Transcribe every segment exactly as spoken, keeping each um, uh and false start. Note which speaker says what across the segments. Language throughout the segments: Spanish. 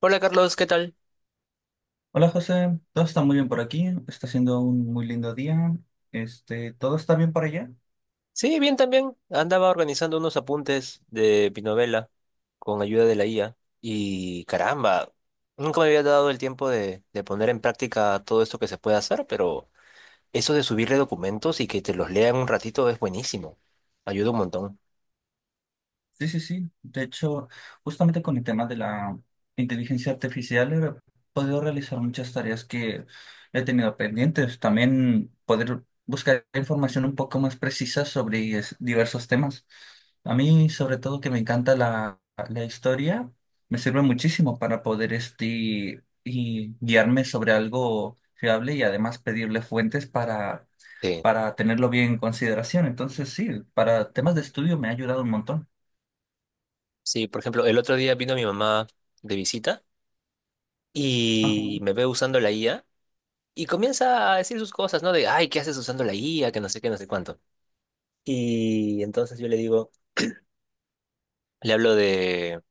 Speaker 1: Hola Carlos, ¿qué tal?
Speaker 2: Hola José, todo está muy bien por aquí, está siendo un muy lindo día. Este, ¿todo está bien por allá?
Speaker 1: Sí, bien también. Andaba organizando unos apuntes de mi novela con ayuda de la I A y caramba, nunca me había dado el tiempo de, de poner en práctica todo esto que se puede hacer, pero eso de subirle documentos y que te los lean un ratito es buenísimo. Ayuda un montón.
Speaker 2: Sí, sí, sí. De hecho, justamente con el tema de la inteligencia artificial he podido realizar muchas tareas que he tenido pendientes. También poder buscar información un poco más precisa sobre es- diversos temas. A mí, sobre todo, que me encanta la, la historia, me sirve muchísimo para poder este, y guiarme sobre algo fiable y además pedirle fuentes para,
Speaker 1: Sí.
Speaker 2: para tenerlo bien en consideración. Entonces, sí, para temas de estudio me ha ayudado un montón.
Speaker 1: Sí, por ejemplo, el otro día vino mi mamá de visita
Speaker 2: Ajá.
Speaker 1: y me ve usando la I A y comienza a decir sus cosas, ¿no? De, ay, ¿qué haces usando la I A? Que no sé qué, no sé cuánto. Y entonces yo le digo. Le hablo de.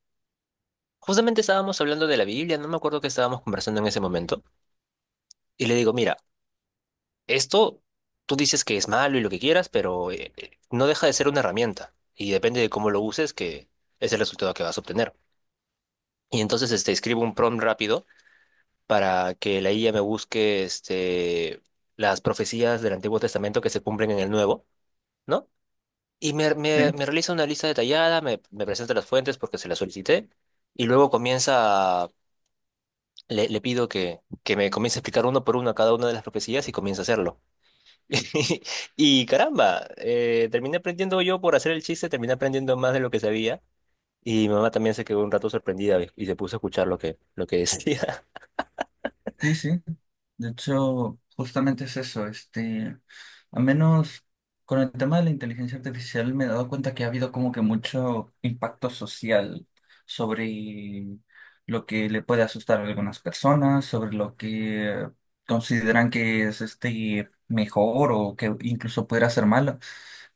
Speaker 1: Justamente estábamos hablando de la Biblia, no me acuerdo qué estábamos conversando en ese momento. Y le digo, mira, esto tú dices que es malo y lo que quieras, pero eh, eh, no deja de ser una herramienta. Y depende de cómo lo uses, que es el resultado que vas a obtener. Y entonces este, escribo un prompt rápido para que la I A me busque este, las profecías del Antiguo Testamento que se cumplen en el Nuevo, ¿no? Y me, me,
Speaker 2: Sí,
Speaker 1: me realiza una lista detallada, me, me presenta las fuentes porque se las solicité. Y luego comienza le, le pido que, que me comience a explicar uno por uno cada una de las profecías y comience a hacerlo. Y caramba, eh, terminé aprendiendo yo por hacer el chiste, terminé aprendiendo más de lo que sabía. Y mi mamá también se quedó un rato sorprendida y y se puso a escuchar lo que, lo que decía.
Speaker 2: sí, sí. De hecho, justamente es eso. Este, al menos con el tema de la inteligencia artificial me he dado cuenta que ha habido como que mucho impacto social sobre lo que le puede asustar a algunas personas, sobre lo que consideran que es este mejor o que incluso pudiera ser malo.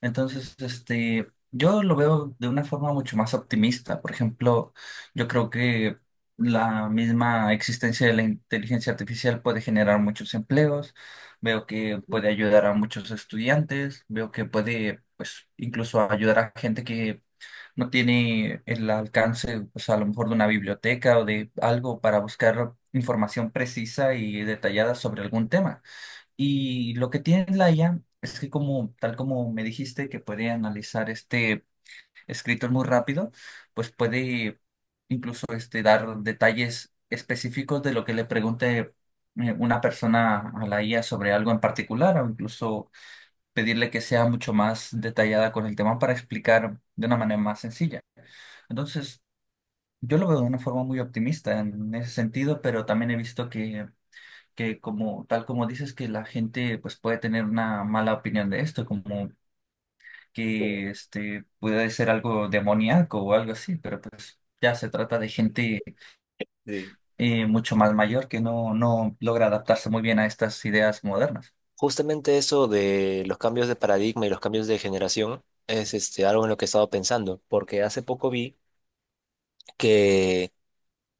Speaker 2: Entonces, este, yo lo veo de una forma mucho más optimista. Por ejemplo, yo creo que la misma existencia de la inteligencia artificial puede generar muchos empleos. Veo que puede ayudar a muchos estudiantes. Veo que puede, pues, incluso ayudar a gente que no tiene el alcance, pues, a lo mejor de una biblioteca o de algo para buscar información precisa y detallada sobre algún tema. Y lo que tiene la I A es que como, tal como me dijiste, que puede analizar este escritor muy rápido, pues puede incluso este, dar detalles específicos de lo que le pregunte eh, una persona a la I A sobre algo en particular, o incluso pedirle que sea mucho más detallada con el tema para explicar de una manera más sencilla. Entonces, yo lo veo de una forma muy optimista en ese sentido, pero también he visto que que como tal como dices que la gente pues puede tener una mala opinión de esto, como
Speaker 1: Eh,
Speaker 2: que este puede ser algo demoníaco o algo así, pero pues ya se trata de gente
Speaker 1: Sí.
Speaker 2: eh, mucho más mayor que no, no logra adaptarse muy bien a estas ideas modernas.
Speaker 1: Justamente eso de los cambios de paradigma y los cambios de generación es este, algo en lo que he estado pensando, porque hace poco vi que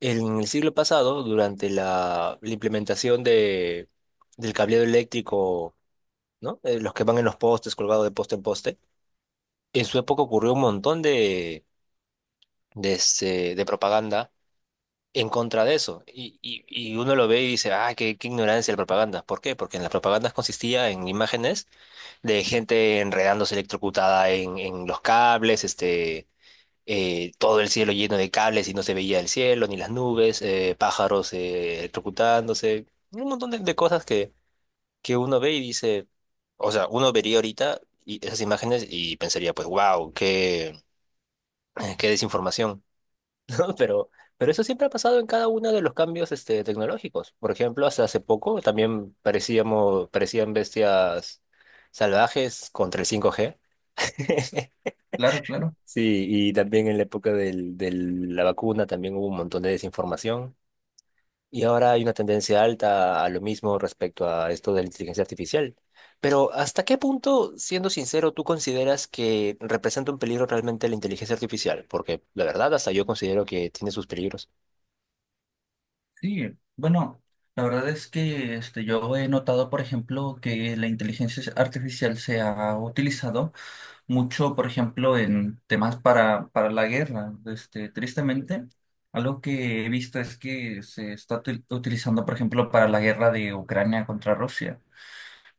Speaker 1: en el siglo pasado, durante la, la implementación de, del cableado eléctrico, ¿no? Eh, los que van en los postes, colgados de poste en poste. En su época ocurrió un montón de, de, este, de propaganda en contra de eso. Y, y, y uno lo ve y dice, ah, qué, qué ignorancia de la propaganda. ¿Por qué? Porque en las propagandas consistía en imágenes de gente enredándose electrocutada en, en los cables, este, eh, todo el cielo lleno de cables y no se veía el cielo ni las nubes, eh, pájaros eh, electrocutándose, un montón de, de cosas que que uno ve y dice, o sea, uno vería ahorita y esas imágenes y pensaría, pues, wow, qué, eh, qué desinformación, ¿no? Pero, pero eso siempre ha pasado en cada uno de los cambios este, tecnológicos. Por ejemplo, hasta hace poco también parecíamos, parecían bestias salvajes contra el cinco g.
Speaker 2: Claro, claro.
Speaker 1: Sí, y también en la época del, de la vacuna también hubo un montón de desinformación. Y ahora hay una tendencia alta a lo mismo respecto a esto de la inteligencia artificial. Pero ¿hasta qué punto, siendo sincero, tú consideras que representa un peligro realmente la inteligencia artificial? Porque la verdad, hasta yo considero que tiene sus peligros.
Speaker 2: Sí, bueno, la verdad es que este, yo he notado, por ejemplo, que la inteligencia artificial se ha utilizado mucho, por ejemplo, en temas para, para, la guerra. Este, tristemente, algo que he visto es que se está util- utilizando, por ejemplo, para la guerra de Ucrania contra Rusia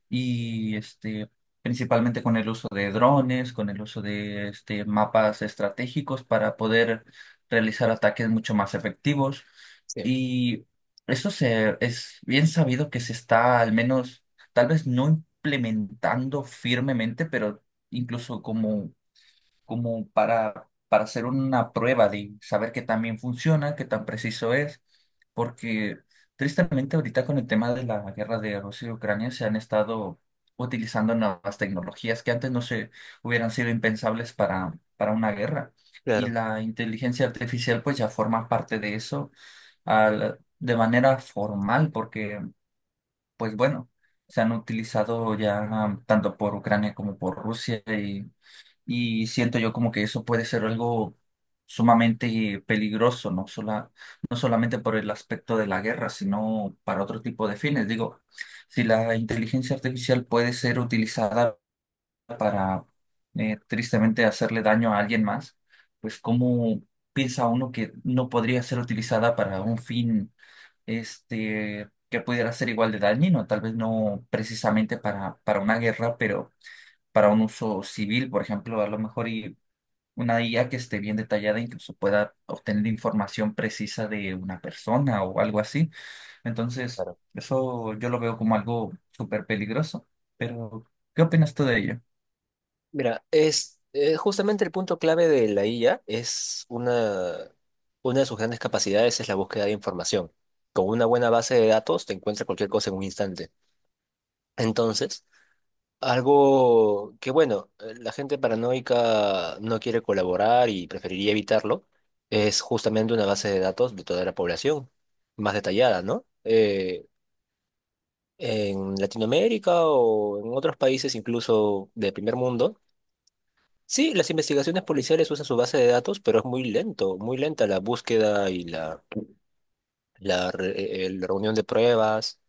Speaker 2: y este, principalmente con el uso de drones, con el uso de este, mapas estratégicos para poder realizar ataques mucho más efectivos.
Speaker 1: Sí.
Speaker 2: Y eso se, es bien sabido que se está al menos, tal vez no implementando firmemente, pero incluso como como para, para, hacer una prueba de saber qué tan bien funciona, qué tan preciso es, porque tristemente ahorita con el tema de la guerra de Rusia y Ucrania se han estado utilizando nuevas tecnologías que antes no se hubieran sido impensables para, para una guerra. Y
Speaker 1: Claro,
Speaker 2: la inteligencia artificial pues ya forma parte de eso al- de manera formal, porque pues bueno, se han utilizado ya tanto por Ucrania como por Rusia y siento yo como que eso puede ser algo sumamente peligroso, no sola- no solamente por el aspecto de la guerra, sino para otro tipo de fines. Digo, si la inteligencia artificial puede ser utilizada para eh, tristemente hacerle daño a alguien más, pues ¿cómo piensa uno que no podría ser utilizada para un fin este, que pudiera ser igual de dañino? Tal vez no precisamente para, para, una guerra, pero para un uso civil, por ejemplo, a lo mejor y una I A que esté bien detallada, incluso pueda obtener información precisa de una persona o algo así. Entonces,
Speaker 1: claro.
Speaker 2: eso yo lo veo como algo súper peligroso. Pero, ¿qué opinas tú de ello?
Speaker 1: Mira, es eh, justamente el punto clave de la I A es una, una de sus grandes capacidades es la búsqueda de información. Con una buena base de datos te encuentra cualquier cosa en un instante. Entonces, Algo que, bueno, eh, la gente paranoica no quiere colaborar y preferiría evitarlo, es justamente una base de datos de toda la población, más detallada, ¿no? Eh, en Latinoamérica o en otros países incluso de primer mundo, sí, las investigaciones policiales usan su base de datos, pero es muy lento, muy lenta la búsqueda y la, la, re- eh, eh, la reunión de pruebas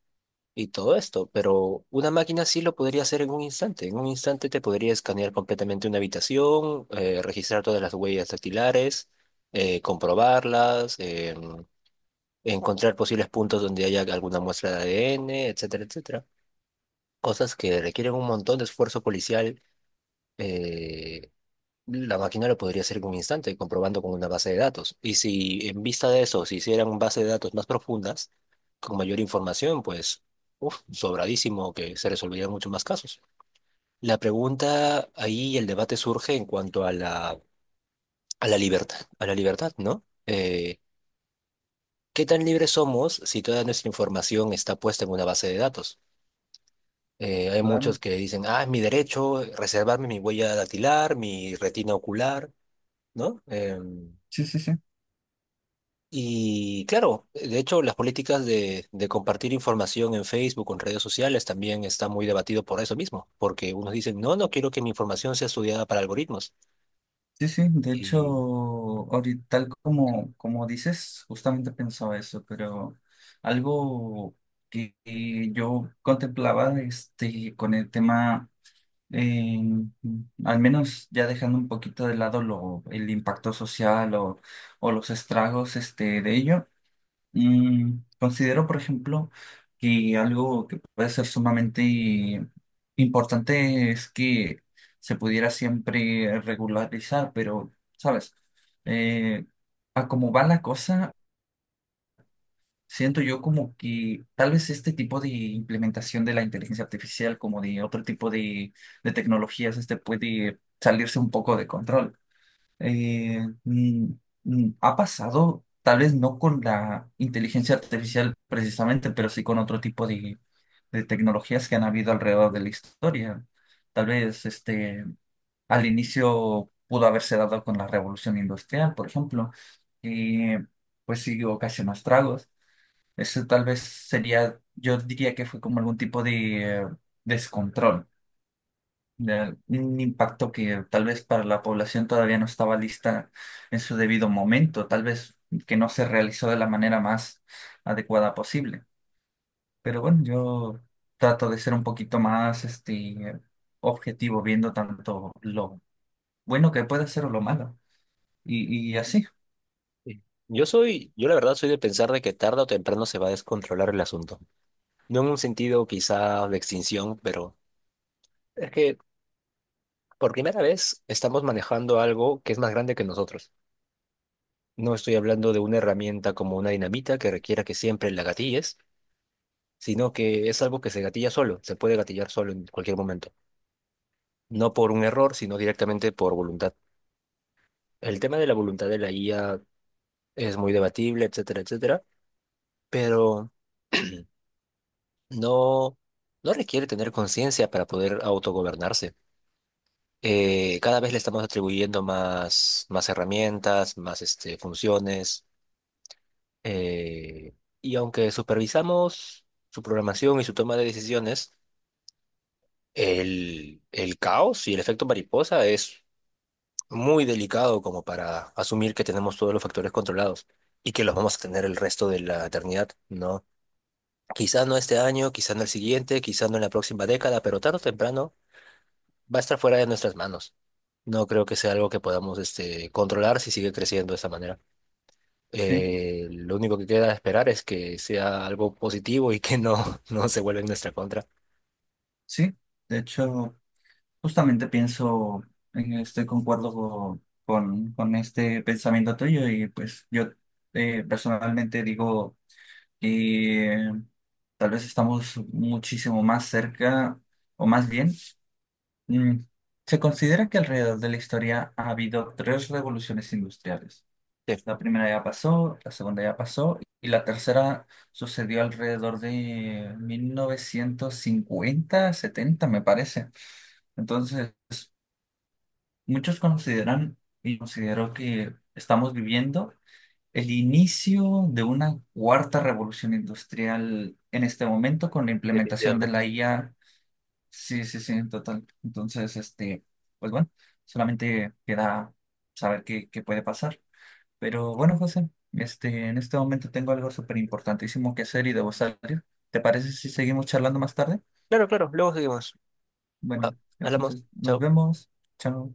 Speaker 1: y todo esto, pero una máquina sí lo podría hacer en un instante. En un instante te podría escanear completamente una habitación, eh, registrar todas las huellas dactilares, eh, comprobarlas, em, encontrar posibles puntos donde haya alguna muestra de A D N, etcétera, etcétera. Cosas que requieren un montón de esfuerzo policial, eh, la máquina lo podría hacer en un instante, comprobando con una base de datos. Y si en vista de eso se hicieran base de datos más profundas, con mayor información, pues, uf, sobradísimo que se resolverían muchos más casos. La pregunta ahí, el debate surge en cuanto a la, a la libertad, a la libertad, ¿no? Eh, ¿qué tan libres somos si toda nuestra información está puesta en una base de datos? Eh, hay muchos
Speaker 2: Claro,
Speaker 1: que dicen, ah, es mi derecho reservarme mi huella dactilar, mi retina ocular, ¿no? Em,
Speaker 2: sí, sí, sí.
Speaker 1: Y claro, de hecho, las políticas de, de compartir información en Facebook o en redes sociales también está muy debatido por eso mismo, porque unos dicen, no, no quiero que mi información sea estudiada para algoritmos.
Speaker 2: Sí, sí, de hecho,
Speaker 1: Y
Speaker 2: ahorita, tal como, como dices, justamente pensaba eso, pero algo que que yo contemplaba este, con el tema eh, al menos ya dejando un poquito de lado lo, el impacto social o, o, los estragos este, de ello, mm, considero, por ejemplo, que algo que puede ser sumamente importante es que se pudiera siempre regularizar, pero, ¿sabes? Eh, a cómo va la cosa. Siento yo como que tal vez este tipo de implementación de la inteligencia artificial, como de otro tipo de, de, tecnologías, este puede salirse un poco de control. Eh, mm, mm, ha pasado, tal vez no con la inteligencia artificial precisamente, pero sí con otro tipo de, de tecnologías que han habido alrededor de la historia. Tal vez este, al inicio pudo haberse dado con la revolución industrial, por ejemplo, que pues sí ocasionó estragos. Eso tal vez sería, yo diría que fue como algún tipo de eh, descontrol, de un impacto que tal vez para la población todavía no estaba lista en su debido momento, tal vez que no se realizó de la manera más adecuada posible. Pero bueno, yo trato de ser un poquito más este, objetivo viendo tanto lo bueno que puede ser o lo malo. Y, y así,
Speaker 1: y yo soy, yo la verdad soy de pensar de que tarde o temprano se va a descontrolar el asunto. No en un sentido quizá de extinción, pero es que por primera vez estamos manejando algo que es más grande que nosotros. No estoy hablando de una herramienta como una dinamita que requiera que siempre la gatilles, sino que es algo que se gatilla solo, se puede gatillar solo en cualquier momento. No por un error, sino directamente por voluntad. El tema de la voluntad de la I A es muy debatible, etcétera, etcétera, pero no, no requiere tener conciencia para poder autogobernarse. Eh, cada vez le estamos atribuyendo más, más herramientas, más este, funciones, eh, y aunque supervisamos su programación y su toma de decisiones, el, el caos y el efecto mariposa es muy delicado como para asumir que tenemos todos los factores controlados y que los vamos a tener el resto de la eternidad, ¿no? Quizá no este año, quizá no el siguiente, quizá no en la próxima década, pero tarde o temprano va a estar fuera de nuestras manos. No creo que sea algo que podamos este, controlar si sigue creciendo de esta manera.
Speaker 2: sí,
Speaker 1: Eh, lo único que queda esperar es que sea algo positivo y que no, no se vuelva en nuestra contra.
Speaker 2: sí. De hecho. Justamente pienso en este, concuerdo co- con, con este pensamiento tuyo y pues yo eh, personalmente digo que tal vez estamos muchísimo más cerca o más bien, mm, se considera que alrededor de la historia ha habido tres revoluciones industriales.
Speaker 1: Sí,
Speaker 2: La primera ya pasó, la segunda ya pasó y la tercera sucedió alrededor de mil novecientos cincuenta setenta me parece. Entonces. Muchos consideran, y considero que estamos viviendo el inicio de una cuarta revolución industrial en este momento con la
Speaker 1: sí,
Speaker 2: implementación de la
Speaker 1: definitivamente.
Speaker 2: I A. Sí, sí, sí, en total. Entonces, este, pues bueno, solamente queda saber qué, qué puede pasar. Pero bueno, José, este, en este momento tengo algo súper importantísimo que hacer y debo salir. ¿Te parece si seguimos charlando más tarde?
Speaker 1: Claro, claro, luego seguimos. Va,
Speaker 2: Bueno,
Speaker 1: hablamos.
Speaker 2: entonces nos
Speaker 1: Chao.
Speaker 2: vemos. Chao.